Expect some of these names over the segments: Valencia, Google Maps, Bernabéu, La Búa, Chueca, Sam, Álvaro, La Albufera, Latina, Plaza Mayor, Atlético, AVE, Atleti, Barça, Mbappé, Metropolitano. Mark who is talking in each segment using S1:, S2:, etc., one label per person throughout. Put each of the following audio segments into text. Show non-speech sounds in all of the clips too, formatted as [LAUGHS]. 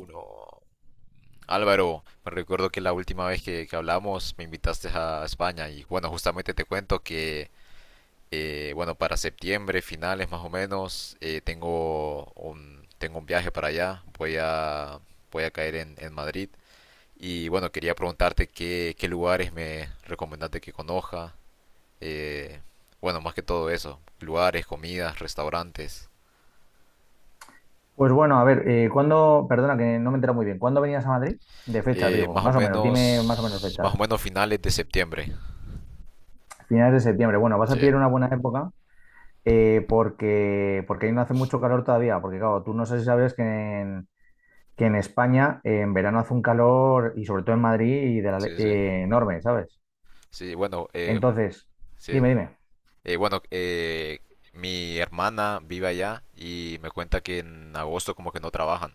S1: Uno. Álvaro, me recuerdo que la última vez que hablamos me invitaste a España y bueno, justamente te cuento que, bueno, para septiembre, finales más o menos, tengo un viaje para allá, voy a, voy a caer en Madrid y bueno, quería preguntarte qué lugares me recomendaste que conozca, eh, bueno, más que todo eso, lugares, comidas, restaurantes,
S2: Pues bueno, a ver, perdona que no me entero muy bien, ¿cuándo venías a Madrid? De fechas, digo, más o menos, dime más o menos
S1: más o
S2: fechas.
S1: menos finales de septiembre.
S2: Finales de septiembre, bueno, vas
S1: Sí,
S2: a pillar una buena época, porque ahí no hace mucho calor todavía, porque claro, tú no sé si sabes que en España, en verano hace un calor, y sobre todo en Madrid, y
S1: sí, sí.
S2: enorme, ¿sabes?
S1: Sí, bueno,
S2: Entonces,
S1: sí.
S2: dime, dime.
S1: Bueno, mi hermana vive allá y me cuenta que en agosto como que no trabajan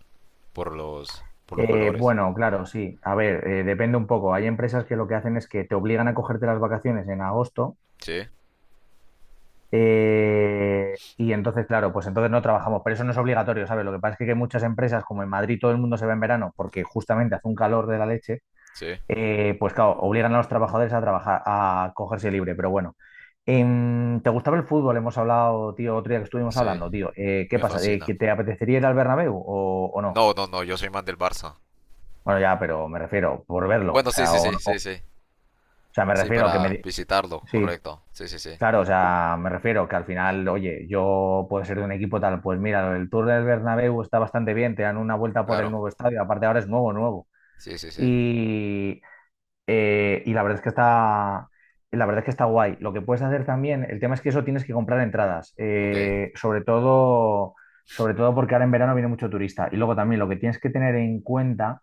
S1: por los calores.
S2: Bueno, claro, sí, a ver, depende un poco. Hay empresas que lo que hacen es que te obligan a cogerte las vacaciones en agosto.
S1: Sí,
S2: Y entonces, claro, pues entonces no trabajamos, pero eso no es obligatorio, ¿sabes? Lo que pasa es que muchas empresas, como en Madrid todo el mundo se va en verano porque justamente hace un calor de la leche,
S1: sí,
S2: pues claro, obligan a los trabajadores a trabajar, a cogerse libre, pero bueno. ¿Te gustaba el fútbol? Hemos hablado, tío, otro día que estuvimos
S1: sí,
S2: hablando, tío. ¿Qué
S1: me
S2: pasa? Eh,
S1: fascina.
S2: ¿que te apetecería ir al Bernabéu o, no?
S1: No, no, no, yo soy más del Barça.
S2: Bueno, ya, pero me refiero por verlo, o
S1: Bueno, sí,
S2: sea,
S1: sí, sí, sí,
S2: o
S1: sí.
S2: sea, me
S1: Sí,
S2: refiero que me...
S1: para visitarlo,
S2: Sí.
S1: correcto. Sí, sí, sí,
S2: Claro, o sea, me refiero que al final, oye, yo puedo ser de un equipo tal, pues mira, el Tour del Bernabéu está bastante bien, te dan una vuelta por el
S1: claro.
S2: nuevo estadio, aparte ahora es nuevo, nuevo.
S1: Sí, sí, sí.
S2: Y, y la verdad es que está guay. Lo que puedes hacer también, el tema es que eso tienes que comprar entradas,
S1: Ok,
S2: sobre todo porque ahora en verano viene mucho turista. Y luego también lo que tienes que tener en cuenta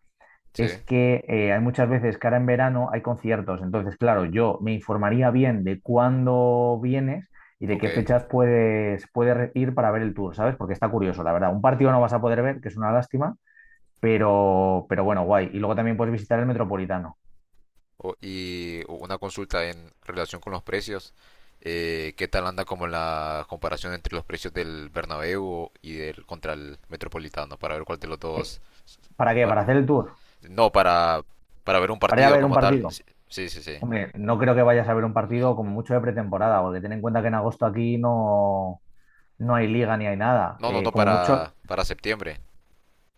S1: sí,
S2: es que hay muchas veces que ahora en verano hay conciertos. Entonces, claro, yo me informaría bien de cuándo vienes y de
S1: ok.
S2: qué fechas puedes ir para ver el tour, ¿sabes? Porque está curioso, la verdad. Un partido no vas a poder ver, que es una lástima, pero bueno, guay. Y luego también puedes visitar el Metropolitano.
S1: Y una consulta en relación con los precios. ¿Qué tal anda como la comparación entre los precios del Bernabéu y del contra el Metropolitano? Para ver cuál de los
S2: Eh,
S1: dos...
S2: ¿Para qué?
S1: pa-
S2: ¿Para hacer el tour?
S1: no, para ver un
S2: ¿Para ir a
S1: partido
S2: ver un
S1: como tal.
S2: partido?
S1: Sí, sí, sí. Sí.
S2: Hombre, no creo que vayas a ver un partido como mucho de pretemporada, porque ten en cuenta que en agosto aquí no hay liga ni hay nada.
S1: No, no,
S2: Eh,
S1: no,
S2: como mucho.
S1: para septiembre.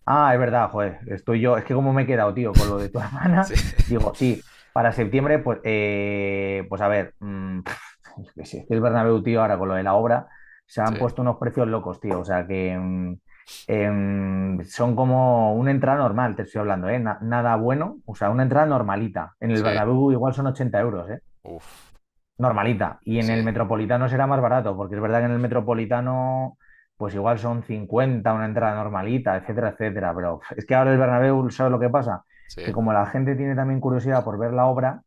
S2: Ah, es verdad, joder, estoy yo. Es que como me he quedado, tío, con lo de tu [LAUGHS]
S1: Sí,
S2: hermana,
S1: [LAUGHS]
S2: digo, sí, para septiembre, pues a ver, [LAUGHS] es que sí, es que el Bernabéu, tío, ahora con lo de la obra, se
S1: sí,
S2: han puesto unos precios locos, tío. O sea que son como una entrada normal, te estoy hablando, ¿eh? Nada bueno, o sea, una entrada normalita. En el
S1: sí.
S2: Bernabéu igual son 80 euros, ¿eh?
S1: Uf,
S2: Normalita. Y en
S1: sí,
S2: el Metropolitano será más barato, porque es verdad que en el Metropolitano, pues igual son 50 una entrada normalita, etcétera, etcétera. Pero uf, es que ahora el Bernabéu, ¿sabes lo que pasa?
S1: sí,
S2: Que como la gente tiene también curiosidad por ver la obra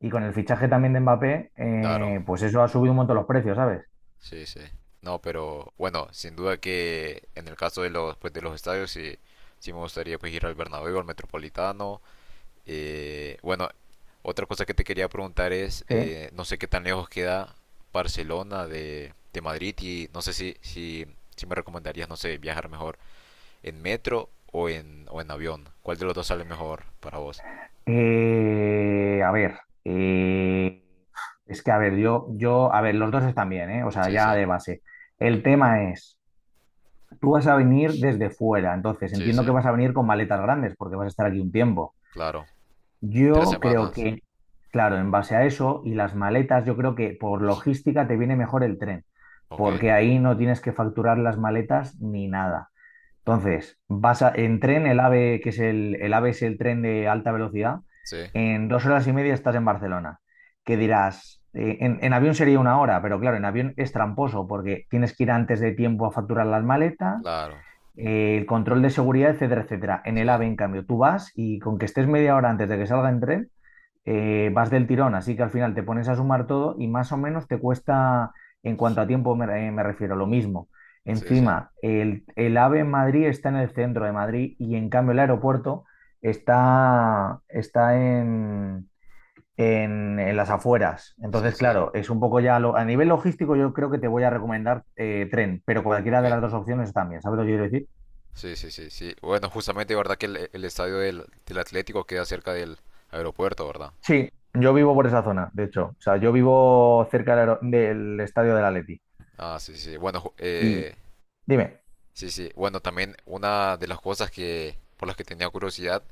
S2: y con el fichaje también de Mbappé,
S1: claro.
S2: pues eso ha subido un montón los precios, ¿sabes?
S1: Sí, sí. No, pero bueno, sin duda que en el caso de los, pues, de los estadios, sí, sí me gustaría pues ir al Bernabéu, al Metropolitano. Bueno, otra cosa que te quería preguntar es,
S2: Sí.
S1: no sé qué tan lejos queda Barcelona de Madrid y no sé si me recomendarías, no sé, viajar mejor en metro o en avión. ¿Cuál de los dos sale mejor para vos?
S2: A ver, es que a ver, a ver, los dos están bien, ¿eh? O sea,
S1: Sí, sí,
S2: ya de base. El tema es. Tú vas a venir desde fuera, entonces
S1: sí, sí,
S2: entiendo que vas a venir con maletas grandes porque vas a estar aquí un tiempo.
S1: claro. Tres
S2: Yo creo
S1: semanas,
S2: que, claro, en base a eso y las maletas, yo creo que por logística te viene mejor el tren,
S1: ok.
S2: porque ahí no tienes que facturar las maletas ni nada. Entonces, en tren, el AVE, que es el AVE es el tren de alta velocidad,
S1: Sí,
S2: en 2 horas y media estás en Barcelona. ¿Qué dirás? En avión sería una hora, pero claro, en avión es tramposo porque tienes que ir antes de tiempo a facturar las maletas,
S1: claro,
S2: el control de seguridad, etcétera, etcétera. En
S1: sí,
S2: el AVE, en cambio, tú vas y con que estés media hora antes de que salga en tren, vas del tirón, así que al final te pones a sumar todo y más o menos te cuesta, en cuanto a tiempo me refiero, lo mismo.
S1: sí, sí,
S2: Encima, el AVE en Madrid está en el centro de Madrid, y en cambio el aeropuerto está en las afueras.
S1: sí,
S2: Entonces,
S1: sí,
S2: claro, es un poco ya a nivel logístico, yo creo que te voy a recomendar, tren, pero cualquiera
S1: ok.
S2: de las dos opciones también, ¿sabes lo que quiero decir?
S1: Sí, sí, sí, sí. Bueno, justamente, ¿verdad que el estadio del Atlético queda cerca del aeropuerto, ¿verdad?
S2: Sí, yo vivo por esa zona, de hecho. O sea, yo vivo cerca del estadio del Atleti.
S1: Ah, sí, sí. Sí. Bueno,
S2: Y dime,
S1: sí, sí. Bueno, también una de las cosas que por las que tenía curiosidad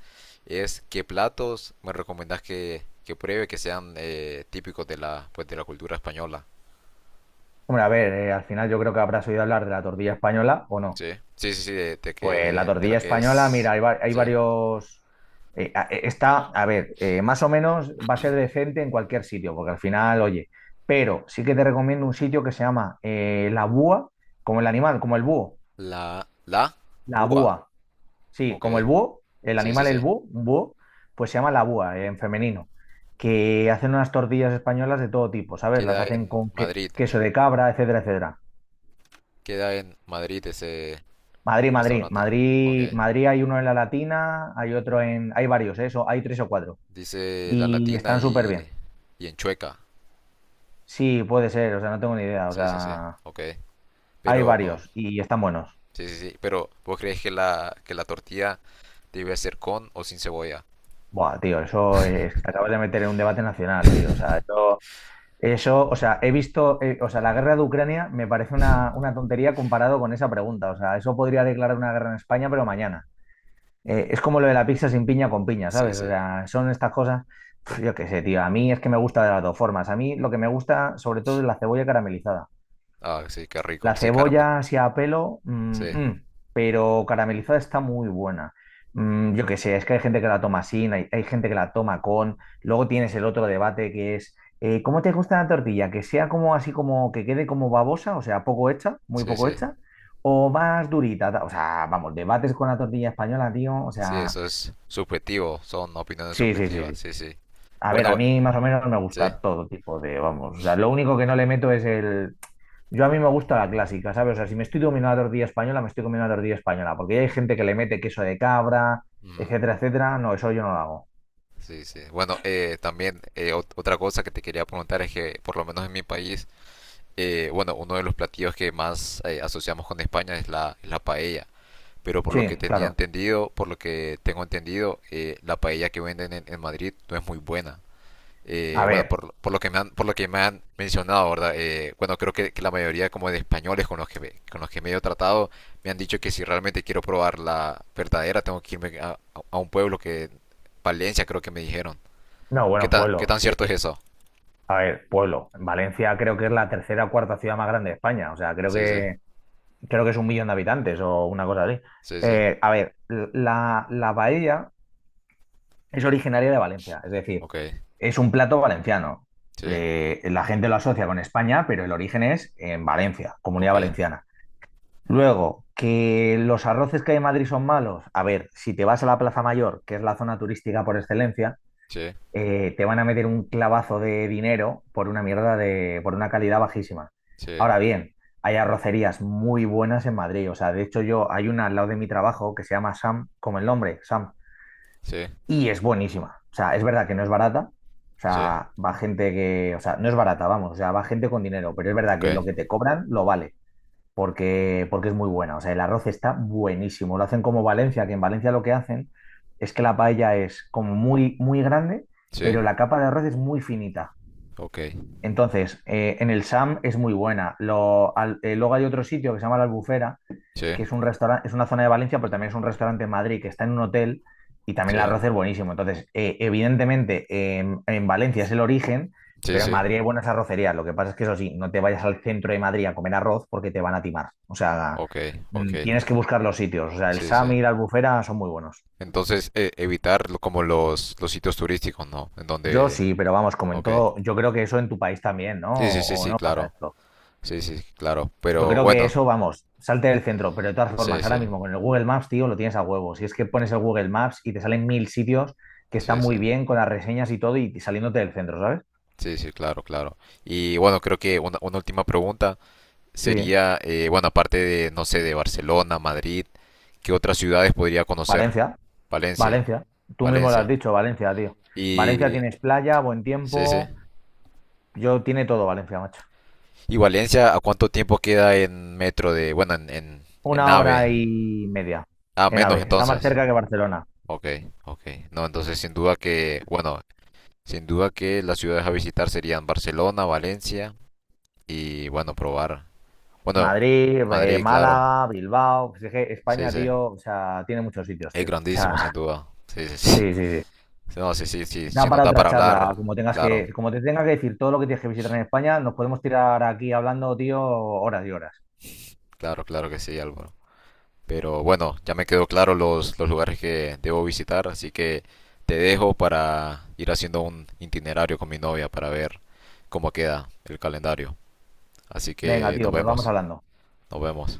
S1: es qué platos me recomendás que pruebe que sean típicos de la pues de la cultura española.
S2: hombre, a ver, al final yo creo que habrás oído hablar de la tortilla española o no.
S1: Sí, sí, sí, sí, de
S2: Pues la
S1: que de la
S2: tortilla
S1: que
S2: española, mira,
S1: es,
S2: hay
S1: sí,
S2: varios. A ver, más o menos va a ser decente en cualquier sitio, porque al final, oye, pero sí que te recomiendo un sitio que se llama, La Búa, como el animal, como el búho,
S1: la la
S2: La
S1: búa,
S2: Búa. Sí,
S1: ok.
S2: como el búho, el
S1: Sí, sí,
S2: animal
S1: sí.
S2: el búho, un búho, pues se llama la Búa, en femenino, que hacen unas tortillas españolas de todo tipo, ¿sabes? Las
S1: Queda
S2: hacen
S1: en
S2: con
S1: Madrid.
S2: queso de cabra, etcétera, etcétera.
S1: Queda en Madrid ese
S2: Madrid, Madrid,
S1: restaurante. Ok.
S2: Madrid, Madrid hay uno en la Latina, hay otro hay varios, ¿eh? Eso, hay tres o cuatro
S1: Dice la
S2: y
S1: Latina
S2: están súper bien.
S1: y en Chueca.
S2: Sí, puede ser, o sea, no tengo ni idea, o
S1: Sí, sí, sí.
S2: sea,
S1: Ok.
S2: hay
S1: Pero
S2: varios y están buenos.
S1: sí, sí, sí. Pero ¿vos crees que que la tortilla debe ser con o sin cebolla?
S2: Buah, tío, eso es, te acabas de meter en un debate nacional, tío, o sea, eso. O sea, he visto, o sea, la guerra de Ucrania me parece una tontería comparado con esa pregunta. O sea, eso podría declarar una guerra en España, pero mañana. Es como lo de la pizza sin piña con piña,
S1: Sí,
S2: ¿sabes? O
S1: sí.
S2: sea, son estas cosas. Yo qué sé, tío. A mí es que me gusta de las dos formas. A mí lo que me gusta sobre todo es la cebolla caramelizada.
S1: Ah, sí, qué rico.
S2: La
S1: Sí, caramelo.
S2: cebolla así a pelo,
S1: Sí,
S2: mm, pero caramelizada está muy buena. Yo qué sé, es que hay gente que la toma sin, hay gente que la toma con. Luego tienes el otro debate que es, ¿cómo te gusta la tortilla? ¿Que sea como así como que quede como babosa, o sea, poco hecha, muy
S1: sí,
S2: poco
S1: sí.
S2: hecha, o más durita? O sea, vamos, debates con la tortilla española, tío. O
S1: Sí,
S2: sea,
S1: eso es subjetivo. Son opiniones
S2: sí, sí, sí,
S1: subjetivas.
S2: sí.
S1: Sí, sí.
S2: A ver, a
S1: Bueno,
S2: mí más o menos me
S1: sí.
S2: gusta todo tipo de, vamos, o sea, lo único que no le meto es el. Yo a mí me gusta la clásica, ¿sabes? O sea, si me estoy comiendo la tortilla española, me estoy comiendo la tortilla española, porque ya hay gente que le mete queso de cabra,
S1: Ujú.
S2: etcétera, etcétera. No, eso yo no lo hago.
S1: Sí, sí. Bueno, también otra cosa que te quería preguntar es que, por lo menos en mi país, bueno, uno de los platillos que más asociamos con España es la paella. Pero por lo que
S2: Sí,
S1: tenía
S2: claro.
S1: entendido, por lo que tengo entendido, la paella que venden en Madrid no es muy buena.
S2: A
S1: Bueno,
S2: ver,
S1: por lo que me han, por lo que me han mencionado, ¿verdad? Bueno, creo que la mayoría como de españoles con los que con los que me he tratado me han dicho que si realmente quiero probar la verdadera tengo que irme a un pueblo que Valencia creo que me dijeron.
S2: no, bueno,
S1: Qué
S2: pueblo.
S1: tan cierto es
S2: Eh,
S1: eso?
S2: A ver, pueblo. Valencia creo que es la tercera o cuarta ciudad más grande de España, o sea,
S1: Sí, sí,
S2: creo que es un millón de habitantes o una cosa así.
S1: sí, sí.
S2: A ver, la paella es originaria de Valencia, es decir,
S1: Ok,
S2: es un plato valenciano.
S1: sí,
S2: La gente lo asocia con España, pero el origen es en Valencia,
S1: ok,
S2: Comunidad Valenciana. Luego, que los arroces que hay en Madrid son malos. A ver, si te vas a la Plaza Mayor, que es la zona turística por excelencia,
S1: sí,
S2: te van a meter un clavazo de dinero por una mierda por una calidad bajísima.
S1: sí,
S2: Ahora bien, hay arrocerías muy buenas en Madrid. O sea, de hecho, yo hay una al lado de mi trabajo que se llama Sam, como el nombre, Sam,
S1: sí,
S2: y es buenísima. O sea, es verdad que no es barata. O
S1: sí,
S2: sea, va gente que, o sea, no es barata, vamos, o sea, va gente con dinero, pero es verdad
S1: ok,
S2: que lo que te cobran lo vale, porque es muy buena. O sea, el arroz está buenísimo. Lo hacen como Valencia, que en Valencia lo que hacen es que la paella es como muy, muy grande, pero
S1: sí,
S2: la capa de arroz es muy finita.
S1: ok,
S2: Entonces, en el SAM es muy buena. Luego hay otro sitio que se llama La Albufera,
S1: sí,
S2: que es un restaurante, es una zona de Valencia, pero también es un restaurante en Madrid que está en un hotel, y también
S1: sí,
S2: el
S1: sí.
S2: arroz es buenísimo. Entonces, evidentemente, en Valencia es el origen,
S1: Sí,
S2: pero en
S1: sí.
S2: Madrid hay buenas arrocerías. Lo que pasa es que eso sí, no te vayas al centro de Madrid a comer arroz porque te van a timar. O sea,
S1: Ok, ok.
S2: tienes que buscar los sitios. O sea, el
S1: Sí, sí.
S2: Sami y la Albufera son muy buenos.
S1: Entonces, evitar como los sitios turísticos, ¿no? En
S2: Yo
S1: donde...
S2: sí, pero vamos, como en
S1: Ok.
S2: todo, yo creo que eso en tu país también, ¿no?
S1: Sí, sí, sí,
S2: O
S1: sí,
S2: no pasa
S1: claro.
S2: esto?
S1: Sí, sí, sí, claro.
S2: Yo
S1: Pero
S2: creo que
S1: bueno,
S2: eso, vamos, salte del centro, pero de todas
S1: sí,
S2: formas, ahora
S1: sí,
S2: mismo con el Google Maps, tío, lo tienes a huevo. Si es que pones el Google Maps y te salen mil sitios que están
S1: sí, sí.
S2: muy bien con las reseñas y todo y saliéndote del centro, ¿sabes?
S1: Sí, sí, claro, claro. Y bueno, creo que una última pregunta
S2: Sí,
S1: sería, bueno, aparte de, no sé, de Barcelona, Madrid, ¿qué otras ciudades podría conocer?
S2: Valencia,
S1: Valencia,
S2: Valencia. Tú mismo lo has
S1: Valencia.
S2: dicho, Valencia, tío. Valencia
S1: Y...
S2: tienes playa, buen
S1: Sí, sí.
S2: tiempo. Yo tiene todo Valencia, macho.
S1: ¿Y Valencia a cuánto tiempo queda en metro de, bueno, en
S2: Una
S1: AVE?
S2: hora y media
S1: Ah,
S2: en
S1: menos
S2: AVE. Está más
S1: entonces.
S2: cerca que Barcelona.
S1: Ok, ok. No, entonces sin duda que, bueno, sin duda que las ciudades a visitar serían Barcelona, Valencia y, bueno, probar. Bueno,
S2: Madrid,
S1: Madrid, claro.
S2: Málaga, Bilbao. Pues es que
S1: Sí,
S2: España,
S1: sí.
S2: tío, o sea, tiene muchos sitios,
S1: Es
S2: tío. O
S1: grandísimo, sin
S2: sea,
S1: duda. Sí, sí,
S2: [LAUGHS]
S1: sí.
S2: sí, sí, sí.
S1: [LAUGHS] No, sí, sí, sí.
S2: Da
S1: Si nos
S2: para
S1: da
S2: otra
S1: para
S2: charla,
S1: hablar, claro,
S2: como te tenga que decir todo lo que tienes que visitar en España, nos podemos tirar aquí hablando, tío, horas y horas.
S1: claro, claro que sí, Álvaro. Pero bueno, ya me quedó claro los lugares que debo visitar, así que te dejo para ir haciendo un itinerario con mi novia para ver cómo queda el calendario. Así
S2: Venga,
S1: que nos
S2: tío, pues vamos
S1: vemos,
S2: hablando.
S1: nos vemos.